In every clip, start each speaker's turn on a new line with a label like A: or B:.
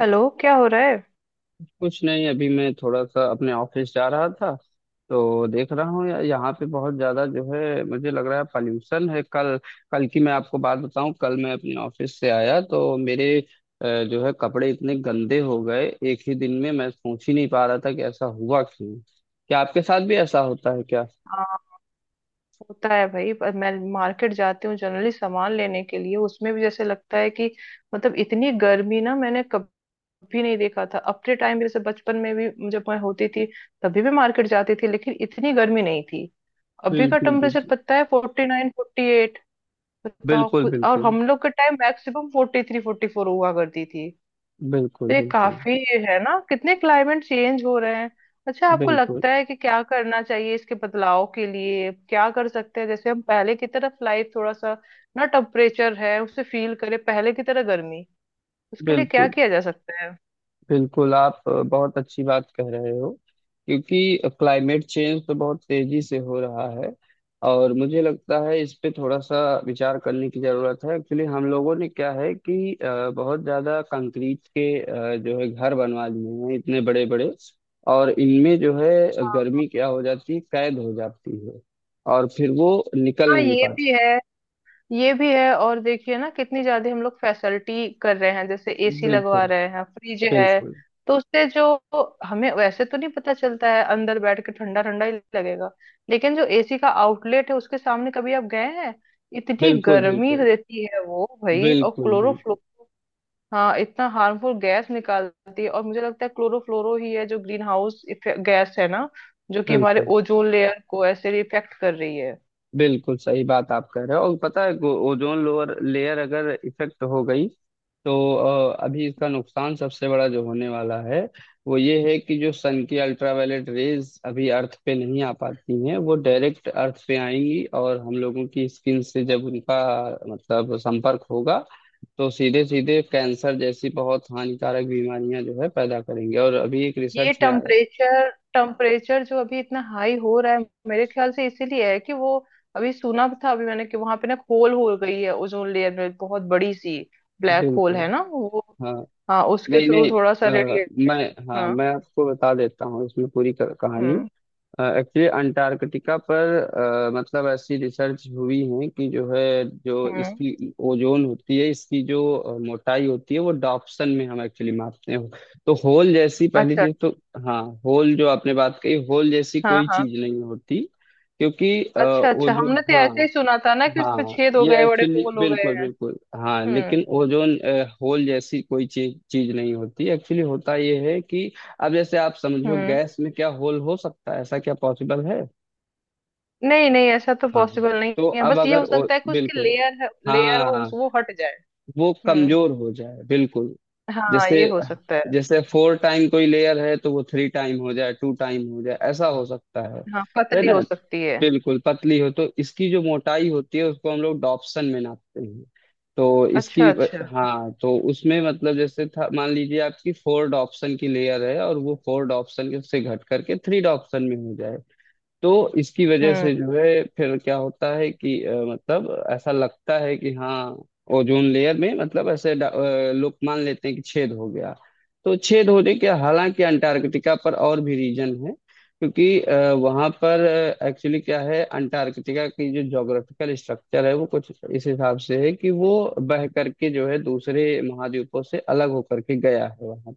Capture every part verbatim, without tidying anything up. A: Hello, क्या हो रहा है।
B: कुछ नहीं। अभी मैं थोड़ा सा अपने ऑफिस जा रहा था, तो देख रहा हूँ यार, यहाँ पे बहुत ज्यादा जो है मुझे लग रहा है पॉल्यूशन है। कल कल की मैं आपको बात बताऊं, कल मैं अपने ऑफिस से आया तो मेरे अ, जो है कपड़े इतने गंदे हो गए एक ही दिन में। मैं सोच ही नहीं पा रहा था कि ऐसा हुआ क्यों। क्या आपके साथ भी ऐसा होता है क्या?
A: हाँ। होता है भाई, पर मैं मार्केट जाती हूँ जनरली सामान लेने के लिए। उसमें भी जैसे लगता है कि मतलब इतनी गर्मी ना मैंने कभी नहीं देखा था अपने टाइम में। जैसे बचपन में भी जब मैं होती थी तभी भी मार्केट जाती थी लेकिन इतनी गर्मी नहीं थी। अभी का
B: बिल्कुल।
A: टेम्परेचर
B: बिल्कुल।
A: पता है? Forty nine, forty eight. बताओ।
B: बिल्कुल।
A: कुछ और
B: बिल्कुल।
A: हम लोग के time maximum forty three forty four हुआ करती थी।
B: बिल्कुल।
A: तो ये
B: बिल्कुल।
A: काफी है ना, कितने क्लाइमेट चेंज हो रहे हैं। अच्छा, आपको
B: बिल्कुल।
A: लगता है कि क्या करना चाहिए इसके बदलाव के लिए, क्या कर सकते हैं? जैसे हम पहले की तरह लाइफ थोड़ा सा ना, टेम्परेचर है उसे फील करें पहले की तरह गर्मी, उसके लिए क्या
B: बिल्कुल।
A: किया जा सकता है?
B: बिल्कुल, आप अ, बहुत अच्छी बात कह रहे हो। क्योंकि क्लाइमेट चेंज तो बहुत तेजी से हो रहा है और मुझे लगता है इस पे थोड़ा सा विचार करने की जरूरत है। एक्चुअली हम लोगों ने क्या है कि अ, बहुत ज्यादा कंक्रीट के अ, जो है घर बनवा लिए हैं इतने बड़े बड़े, और इनमें जो है
A: हाँ।
B: गर्मी क्या हो जाती है, कैद हो जाती है और फिर वो निकल
A: हाँ,
B: नहीं
A: ये
B: पाती।
A: भी है। ये भी है और देखिए ना कितनी ज्यादा हम लोग फैसिलिटी कर रहे हैं, जैसे एसी लगवा
B: बिल्कुल।
A: रहे हैं, फ्रिज है।
B: बिल्कुल।
A: तो उससे जो हमें वैसे तो नहीं पता चलता है, अंदर बैठ के ठंडा ठंडा ही लगेगा, लेकिन जो एसी का आउटलेट है उसके सामने कभी आप गए हैं? इतनी
B: बिल्कुल।
A: गर्मी
B: बिल्कुल।
A: देती है वो भाई। और
B: बिल्कुल।
A: क्लोरोफ्लो,
B: बिल्कुल।
A: हाँ, इतना हार्मफुल गैस निकालती है। और मुझे लगता है क्लोरोफ्लोरो ही है जो ग्रीन हाउस गैस है ना, जो कि हमारे
B: बिल्कुल।
A: ओजोन लेयर को ऐसे इफेक्ट कर रही है।
B: बिल्कुल सही बात आप कह रहे हो। और पता है गो- ओजोन लोअर लेयर अगर इफेक्ट हो गई तो अ, अभी इसका नुकसान सबसे बड़ा जो होने वाला है वो ये है कि जो सन की अल्ट्रावायलेट रेज अभी अर्थ पे नहीं आ पाती हैं वो डायरेक्ट अर्थ पे आएंगी और हम लोगों की स्किन से जब उनका मतलब संपर्क होगा, तो सीधे सीधे कैंसर जैसी बहुत हानिकारक बीमारियां जो है पैदा करेंगे। और अभी एक
A: ये
B: रिसर्च में आया।
A: टेम्परेचर टेम्परेचर जो अभी इतना हाई हो रहा है मेरे ख्याल से इसीलिए है कि वो अभी सुना था, अभी मैंने कि वहां पे ना होल हो गई है ओजोन लेयर में, बहुत बड़ी सी ब्लैक होल
B: बिल्कुल।
A: है ना वो।
B: हाँ।
A: हाँ, उसके
B: नहीं
A: थ्रू
B: नहीं।
A: थोड़ा सा
B: अ,
A: रेडिएट।
B: मैं। हाँ,
A: हाँ।
B: मैं आपको बता देता हूँ इसमें पूरी क- कहानी।
A: हम्म।
B: एक्चुअली अंटार्कटिका पर अ, मतलब ऐसी रिसर्च हुई है कि जो है, जो
A: हम्म।
B: इसकी ओजोन होती है, इसकी जो अ, मोटाई होती है वो डॉप्सन में हम एक्चुअली मापते हैं। तो होल जैसी पहली
A: अच्छा।
B: चीज तो हाँ, होल जो आपने बात कही, होल जैसी
A: हाँ
B: कोई
A: हाँ।
B: चीज नहीं होती। क्योंकि अ,
A: अच्छा अच्छा,
B: ओजोन।
A: हमने तो ऐसे
B: हाँ।
A: ही सुना था ना कि उसपे
B: हाँ
A: छेद हो
B: ये
A: गए, बड़े
B: एक्चुअली
A: होल हो गए
B: बिल्कुल
A: हैं।
B: बिल्कुल। हाँ,
A: हम्म।
B: लेकिन ओजोन होल जैसी कोई चीज चीज नहीं होती। एक्चुअली होता ये है कि अब जैसे आप समझो,
A: हम्म।
B: गैस में क्या होल हो सकता है, ऐसा क्या पॉसिबल है।
A: नहीं नहीं, ऐसा तो
B: हाँ।
A: पॉसिबल नहीं
B: तो
A: है।
B: अब
A: बस ये
B: अगर
A: हो
B: ओ,
A: सकता है कि उसकी
B: बिल्कुल,
A: लेयर है, लेयर हो
B: हाँ,
A: उस- वो हट जाए।
B: वो
A: हम्म।
B: कमजोर हो जाए। बिल्कुल।
A: हाँ,
B: जैसे
A: ये हो सकता है।
B: जैसे फोर टाइम कोई लेयर है तो वो थ्री टाइम हो जाए, टू टाइम हो जाए, ऐसा हो सकता है
A: हाँ,
B: है
A: पतली
B: ना?
A: हो सकती है।
B: बिल्कुल पतली हो तो इसकी जो मोटाई होती है उसको हम लोग डॉप्सन में नापते हैं। तो इसकी,
A: अच्छा अच्छा।
B: हाँ, तो उसमें मतलब जैसे था, मान लीजिए आपकी फोर डॉप्सन की लेयर है और वो फोर डॉप्सन से घट करके थ्री डॉप्सन में हो जाए। तो इसकी वजह
A: हम्म।
B: से जो है फिर क्या होता है कि अ, मतलब ऐसा लगता है कि हाँ, ओजोन लेयर में मतलब ऐसे डा- अ, लोग मान लेते हैं कि छेद हो गया। तो छेद होने के हालांकि अंटार्कटिका पर और भी रीजन है, क्योंकि अ, वहाँ पर एक्चुअली क्या है, अंटार्कटिका की जो ज्योग्राफिकल स्ट्रक्चर है वो कुछ इस हिसाब से है कि वो बह करके जो है दूसरे महाद्वीपों से अलग होकर के गया है वहाँ।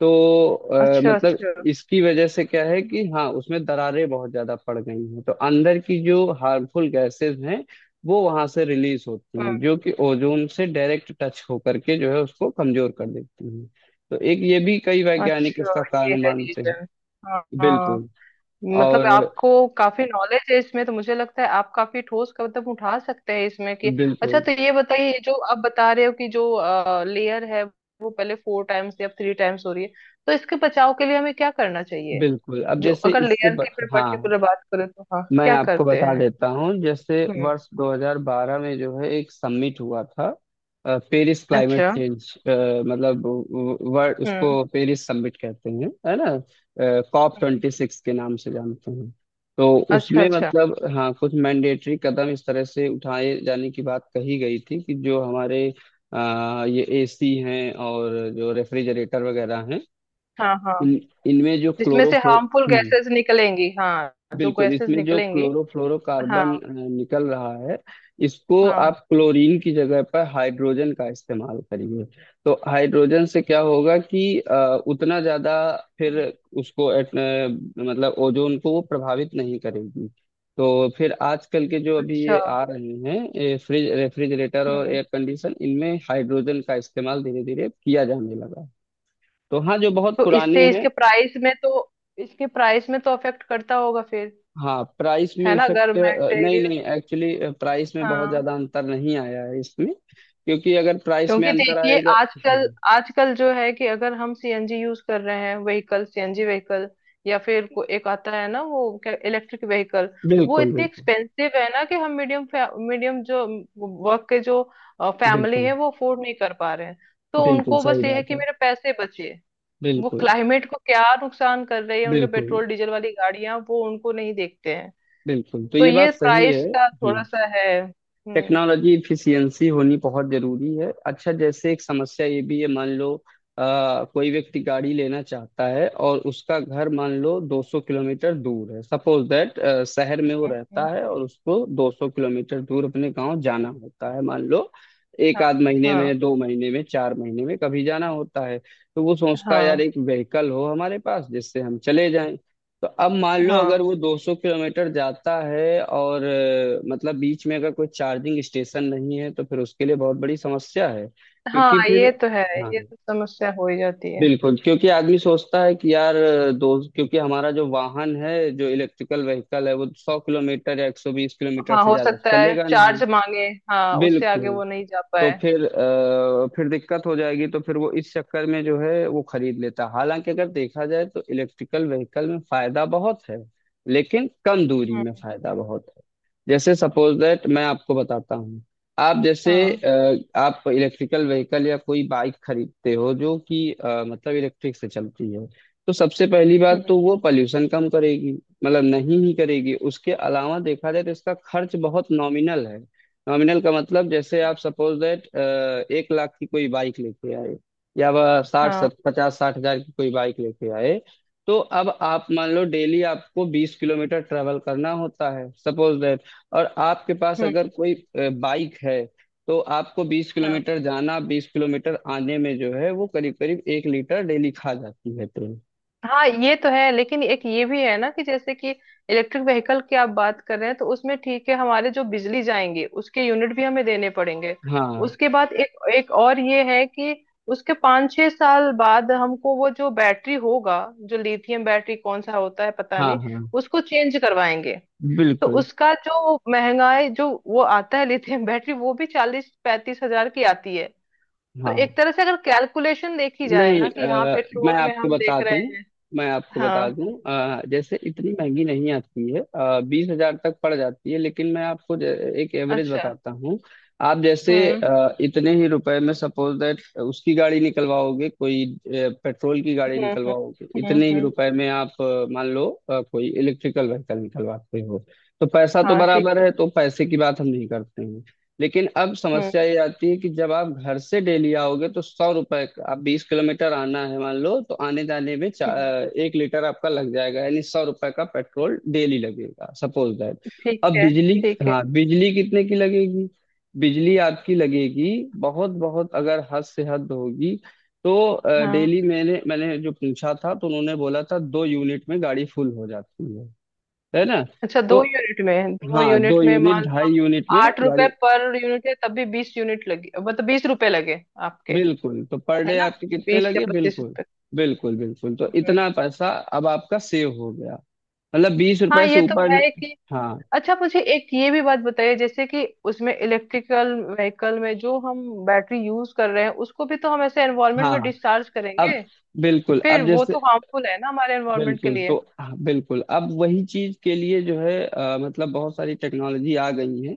B: तो अ,
A: अच्छा
B: मतलब
A: अच्छा।
B: इसकी वजह से क्या है कि हाँ, उसमें दरारें बहुत ज्यादा पड़ गई हैं, तो अंदर की जो हार्मफुल गैसेस हैं वो वहां से रिलीज होती हैं
A: हम्म।
B: जो कि ओजोन से डायरेक्ट टच होकर के जो है उसको कमजोर कर देती हैं। तो एक ये भी कई वैज्ञानिक इसका
A: अच्छा ये
B: कारण
A: है
B: मानते हैं।
A: रीजन। हाँ हाँ।
B: बिल्कुल।
A: मतलब
B: और
A: आपको काफी नॉलेज है इसमें, तो मुझे लगता है आप काफी ठोस कदम उठा सकते हैं इसमें कि अच्छा
B: बिल्कुल।
A: तो ये बताइए, ये जो आप बता रहे हो कि जो लेयर है वो पहले फोर टाइम्स या थ्री टाइम्स हो रही है, तो इसके बचाव के लिए हमें क्या करना चाहिए?
B: बिल्कुल। अब
A: जो
B: जैसे
A: अगर
B: इसके
A: लेयर
B: ब...
A: की पर
B: हाँ,
A: पर्टिकुलर बात करें तो हाँ,
B: मैं
A: क्या
B: आपको
A: करते
B: बता
A: हैं?
B: देता हूँ। जैसे
A: हम्म।
B: वर्ष दो हज़ार बारह में जो है एक समिट हुआ था। अ, पेरिस
A: अच्छा।
B: क्लाइमेट चेंज मतलब व- वर्ल्ड,
A: हम्म।
B: उसको पेरिस समिट कहते हैं, है ना? कॉप
A: हम्म।
B: ट्वेंटी सिक्स के नाम से जानते हैं। तो
A: अच्छा
B: उसमें
A: अच्छा।
B: मतलब हाँ, कुछ मैंडेटरी कदम इस तरह से उठाए जाने की बात कही गई थी कि जो हमारे अ, ये ए सी हैं और जो रेफ्रिजरेटर वगैरह हैं,
A: हाँ हाँ।
B: इन इनमें जो
A: जिसमें से
B: क्लोरोफ्लो।
A: हार्मफुल गैसेस निकलेंगी, हाँ, जो
B: बिल्कुल।
A: गैसेस
B: इसमें जो
A: निकलेंगी। हाँ।
B: क्लोरोफ्लोरोकार्बन अ, निकल रहा है, इसको
A: हाँ।
B: आप क्लोरीन की जगह पर हाइड्रोजन का इस्तेमाल करिए। तो हाइड्रोजन से क्या होगा कि अ, उतना ज्यादा, फिर
A: हम्म,
B: उसको एट- अ, मतलब ओजोन को वो प्रभावित नहीं करेगी। तो फिर आजकल के जो अभी
A: अच्छा।
B: ये आ रहे हैं ये फ्रिज रेफ्रिजरेटर और
A: हम्म।
B: एयर कंडीशन, इनमें हाइड्रोजन का इस्तेमाल धीरे धीरे किया जाने लगा। तो हाँ, जो बहुत
A: तो
B: पुराने
A: इससे
B: हैं।
A: इसके प्राइस में तो इसके प्राइस में तो अफेक्ट करता होगा फिर,
B: हाँ, प्राइस में
A: है ना? अगर
B: इफेक्ट। नहीं
A: मटेरियल,
B: नहीं, एक्चुअली प्राइस में बहुत
A: हाँ।
B: ज्यादा अंतर नहीं आया है इसमें, क्योंकि अगर प्राइस में
A: क्योंकि
B: अंतर
A: देखिए
B: आएगा।
A: आजकल
B: हाँ।
A: आजकल जो है कि अगर हम सीएनजी यूज कर रहे हैं, व्हीकल सीएनजी व्हीकल, या फिर को एक आता है ना वो क्या, इलेक्ट्रिक व्हीकल, वो
B: बिल्कुल।
A: इतने
B: बिल्कुल।
A: एक्सपेंसिव है ना कि हम मीडियम मीडियम जो वर्क के जो फैमिली
B: बिल्कुल।
A: है वो अफोर्ड नहीं कर पा रहे हैं। तो
B: बिल्कुल
A: उनको
B: सही
A: बस ये है
B: बात
A: कि
B: है।
A: मेरे पैसे बचे, वो
B: बिल्कुल।
A: क्लाइमेट को क्या नुकसान कर रही है उनके
B: बिल्कुल।
A: पेट्रोल डीजल वाली गाड़ियां वो उनको नहीं देखते हैं।
B: बिल्कुल, तो
A: तो
B: ये
A: ये
B: बात सही है।
A: प्राइस का थोड़ा
B: हम्म,
A: सा है। हम्म।
B: टेक्नोलॉजी इफिशियंसी होनी बहुत जरूरी है। अच्छा, जैसे एक समस्या ये भी है, मान लो आ, कोई व्यक्ति गाड़ी लेना चाहता है और उसका घर मान लो दो सौ किलोमीटर दूर है। सपोज दैट, शहर में वो रहता
A: हम्म,
B: है और उसको दो सौ किलोमीटर दूर अपने गांव जाना होता है मान लो, एक
A: हाँ
B: आध महीने
A: हाँ
B: में, दो महीने में, चार महीने में कभी जाना होता है। तो वो सोचता है यार,
A: हाँ।
B: एक व्हीकल हो हमारे पास जिससे हम चले जाएं। तो अब मान लो अगर
A: हाँ।
B: वो दो सौ किलोमीटर जाता है और अ, मतलब बीच में अगर कोई चार्जिंग स्टेशन नहीं है तो फिर उसके लिए बहुत बड़ी समस्या है,
A: हाँ,
B: क्योंकि फिर
A: ये तो है।
B: हाँ।
A: ये तो समस्या हो ही जाती है।
B: बिल्कुल। क्योंकि आदमी सोचता है कि यार अ, दो क्योंकि हमारा जो वाहन है, जो इलेक्ट्रिकल व्हीकल है वो सौ किलोमीटर या एक सौ बीस किलोमीटर
A: हाँ,
B: से
A: हो
B: ज्यादा
A: सकता है
B: चलेगा नहीं।
A: चार्ज मांगे, हाँ, उससे आगे
B: बिल्कुल।
A: वो नहीं जा
B: तो
A: पाए।
B: फिर अ, फिर दिक्कत हो जाएगी, तो फिर वो इस चक्कर में जो है वो खरीद लेता। हालांकि अगर देखा जाए तो इलेक्ट्रिकल व्हीकल में फायदा बहुत है, लेकिन कम दूरी में
A: हम्म।
B: फायदा बहुत है। जैसे, सपोज दैट, मैं आपको बताता हूँ। आप जैसे
A: हाँ।
B: अ, आप इलेक्ट्रिकल व्हीकल या कोई बाइक खरीदते हो जो कि अ, मतलब इलेक्ट्रिक से चलती है। तो सबसे पहली बात
A: हम्म।
B: तो वो पॉल्यूशन कम करेगी, मतलब नहीं ही करेगी। उसके अलावा देखा जाए तो इसका खर्च बहुत नॉमिनल है। नॉमिनल का मतलब, जैसे आप सपोज दैट एक लाख की कोई बाइक लेके आए, या वह साठ
A: हाँ।
B: सत पचास साठ हजार की कोई बाइक लेके आए। तो अब आप मान लो डेली आपको बीस किलोमीटर ट्रेवल करना होता है सपोज दैट, और आपके पास अगर
A: हम्म।
B: कोई बाइक है तो आपको बीस
A: हाँ।
B: किलोमीटर जाना, बीस किलोमीटर आने में जो है वो करीब करीब एक लीटर डेली खा जाती है तेल।
A: हाँ ये तो है, लेकिन एक ये भी है ना कि जैसे कि इलेक्ट्रिक व्हीकल की आप बात कर रहे हैं, तो उसमें ठीक है हमारे जो बिजली जाएंगे उसके यूनिट भी हमें देने पड़ेंगे।
B: हाँ।
A: उसके बाद एक एक और ये है कि उसके पाँच छह साल बाद हमको वो जो बैटरी होगा, जो लिथियम बैटरी कौन सा होता है पता
B: हाँ।
A: नहीं,
B: हाँ।
A: उसको चेंज करवाएंगे। तो
B: बिल्कुल।
A: उसका जो महंगाई जो वो आता है, लिथियम बैटरी वो भी चालीस पैंतीस हजार की आती है। तो
B: हाँ।
A: एक तरह से अगर कैलकुलेशन देखी जाए
B: नहीं,
A: ना कि हाँ
B: अ, मैं
A: पेट्रोल में
B: आपको
A: हम
B: बता
A: देख
B: दूं
A: रहे हैं।
B: मैं आपको बता
A: हाँ।
B: दूं अ, जैसे इतनी महंगी नहीं आती है, बीस हजार तक पड़ जाती है। लेकिन मैं आपको ज- एक एवरेज
A: अच्छा।
B: बताता हूँ। आप जैसे,
A: हम्म
B: अ, इतने ही रुपए में सपोज दैट उसकी गाड़ी निकलवाओगे, कोई पेट्रोल की गाड़ी
A: हम्म हम्म
B: निकलवाओगे, इतने
A: हम्म
B: ही
A: हम्म,
B: रुपए में आप अ, मान लो अ, कोई इलेक्ट्रिकल व्हीकल निकलवाते हो, तो पैसा तो
A: हाँ ठीक
B: बराबर
A: है।
B: है, तो पैसे की बात हम नहीं करते। लेकिन अब
A: हम्म।
B: समस्या ये आती है कि जब आप घर से डेली आओगे, तो सौ रुपए का- आप बीस किलोमीटर आना है मान लो, तो आने जाने में चा-
A: हम्म।
B: एक लीटर आपका लग जाएगा, यानी सौ रुपए का पेट्रोल डेली लगेगा सपोज दैट।
A: ठीक
B: अब
A: है।
B: बिजली,
A: ठीक है।
B: हाँ, बिजली कितने की लगेगी? बिजली आपकी लगेगी बहुत, बहुत अगर हद से हद होगी तो अ,
A: हाँ,
B: डेली मैंने मैंने जो पूछा था तो उन्होंने बोला था दो यूनिट में गाड़ी फुल हो जाती है है ना?
A: अच्छा, दो
B: तो
A: यूनिट में, दो
B: हाँ, दो
A: यूनिट में मान
B: यूनिट
A: लो
B: ढाई
A: आप
B: यूनिट में
A: आठ रुपए
B: गाड़ी।
A: पर यूनिट है तब भी बीस यूनिट लगे, मतलब बीस रुपए लगे आपके,
B: बिल्कुल, तो पर
A: है
B: डे
A: ना?
B: आपके कितने
A: बीस या
B: लगे?
A: पच्चीस
B: बिल्कुल।
A: रुपए
B: बिल्कुल। बिल्कुल, तो
A: हम्म।
B: इतना पैसा अब आपका सेव हो गया, मतलब बीस
A: हाँ,
B: रुपए से
A: ये तो
B: ऊपर ने-
A: है कि
B: हाँ।
A: अच्छा मुझे एक ये भी बात बताइए जैसे कि उसमें इलेक्ट्रिकल व्हीकल में जो हम बैटरी यूज कर रहे हैं उसको भी तो हम ऐसे एनवायरनमेंट
B: हाँ,
A: में डिस्चार्ज
B: अब,
A: करेंगे,
B: बिल्कुल,
A: फिर
B: अब
A: वो तो
B: जैसे,
A: हार्मफुल है ना हमारे एनवायरनमेंट के
B: बिल्कुल, तो
A: लिए।
B: हाँ, बिल्कुल, अब वही चीज के लिए जो है अ, मतलब बहुत सारी टेक्नोलॉजी आ गई है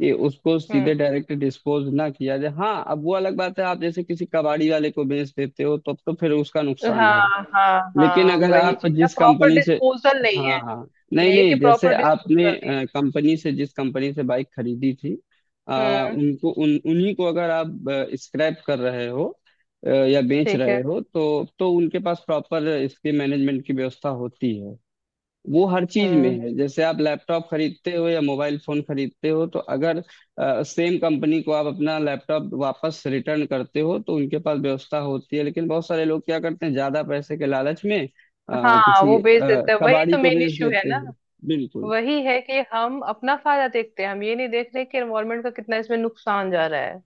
B: कि उसको
A: हम्म।
B: सीधे डायरेक्ट डिस्पोज ना किया जाए। हाँ, अब वो अलग बात है, आप जैसे किसी कबाड़ी वाले को बेच देते हो तब तो, तो फिर उसका नुकसान है।
A: हाँ हाँ
B: लेकिन
A: हाँ,
B: अगर
A: वही
B: आप
A: चीज ना,
B: जिस
A: प्रॉपर
B: कंपनी से,
A: डिस्पोजल नहीं
B: हाँ
A: है।
B: हाँ, नहीं
A: यही कि
B: नहीं, जैसे
A: प्रॉपर
B: आपने
A: डिस्पोजल नहीं
B: कंपनी से जिस कंपनी से बाइक खरीदी थी, अ,
A: है। हम्म।
B: उनको उन उन्हीं को अगर आप स्क्रैप कर रहे हो अ, या बेच
A: ठीक है।
B: रहे हो तो तो उनके पास प्रॉपर इसके मैनेजमेंट की व्यवस्था होती है। वो हर चीज में
A: हम्म।
B: है, जैसे आप लैपटॉप खरीदते हो या मोबाइल फोन खरीदते हो, तो अगर सेम कंपनी को आप अपना लैपटॉप वापस रिटर्न करते हो तो उनके पास व्यवस्था होती है। लेकिन बहुत सारे लोग क्या करते हैं, ज्यादा पैसे के लालच में अ,
A: हाँ
B: किसी
A: वो
B: अ,
A: बेच देते हैं, वही
B: कबाड़ी
A: तो
B: को
A: मेन
B: बेच
A: इश्यू है
B: देते
A: ना।
B: हैं। बिल्कुल।
A: वही है कि हम अपना फायदा देखते हैं, हम ये नहीं देख रहे कि एनवायरनमेंट का कितना इसमें नुकसान जा रहा है।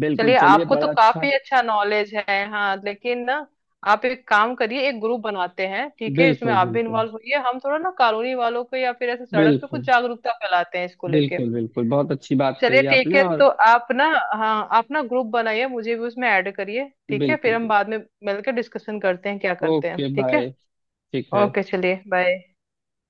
B: बिल्कुल,
A: चलिए,
B: चलिए,
A: आपको तो
B: बड़ा अच्छा।
A: काफी अच्छा नॉलेज है। हाँ लेकिन ना आप एक काम करिए, एक ग्रुप बनाते हैं, ठीक है, इसमें
B: बिल्कुल।
A: आप भी
B: बिल्कुल।
A: इन्वॉल्व होइए, हम थोड़ा ना कॉलोनी वालों को या फिर ऐसे सड़क पे
B: बिल्कुल।
A: कुछ जागरूकता फैलाते हैं इसको लेके।
B: बिल्कुल। बिल्कुल बहुत अच्छी बात
A: चलिए
B: कही
A: ठीक
B: आपने।
A: है,
B: और
A: तो आप ना, हाँ आप ना ग्रुप बनाइए, मुझे भी उसमें ऐड करिए, ठीक है
B: बिल्कुल।
A: फिर हम
B: बिल्कुल।
A: बाद में मिलकर डिस्कशन करते हैं क्या करते हैं,
B: ओके,
A: ठीक है?
B: बाय। ठीक है।
A: ओके, चलिए, बाय।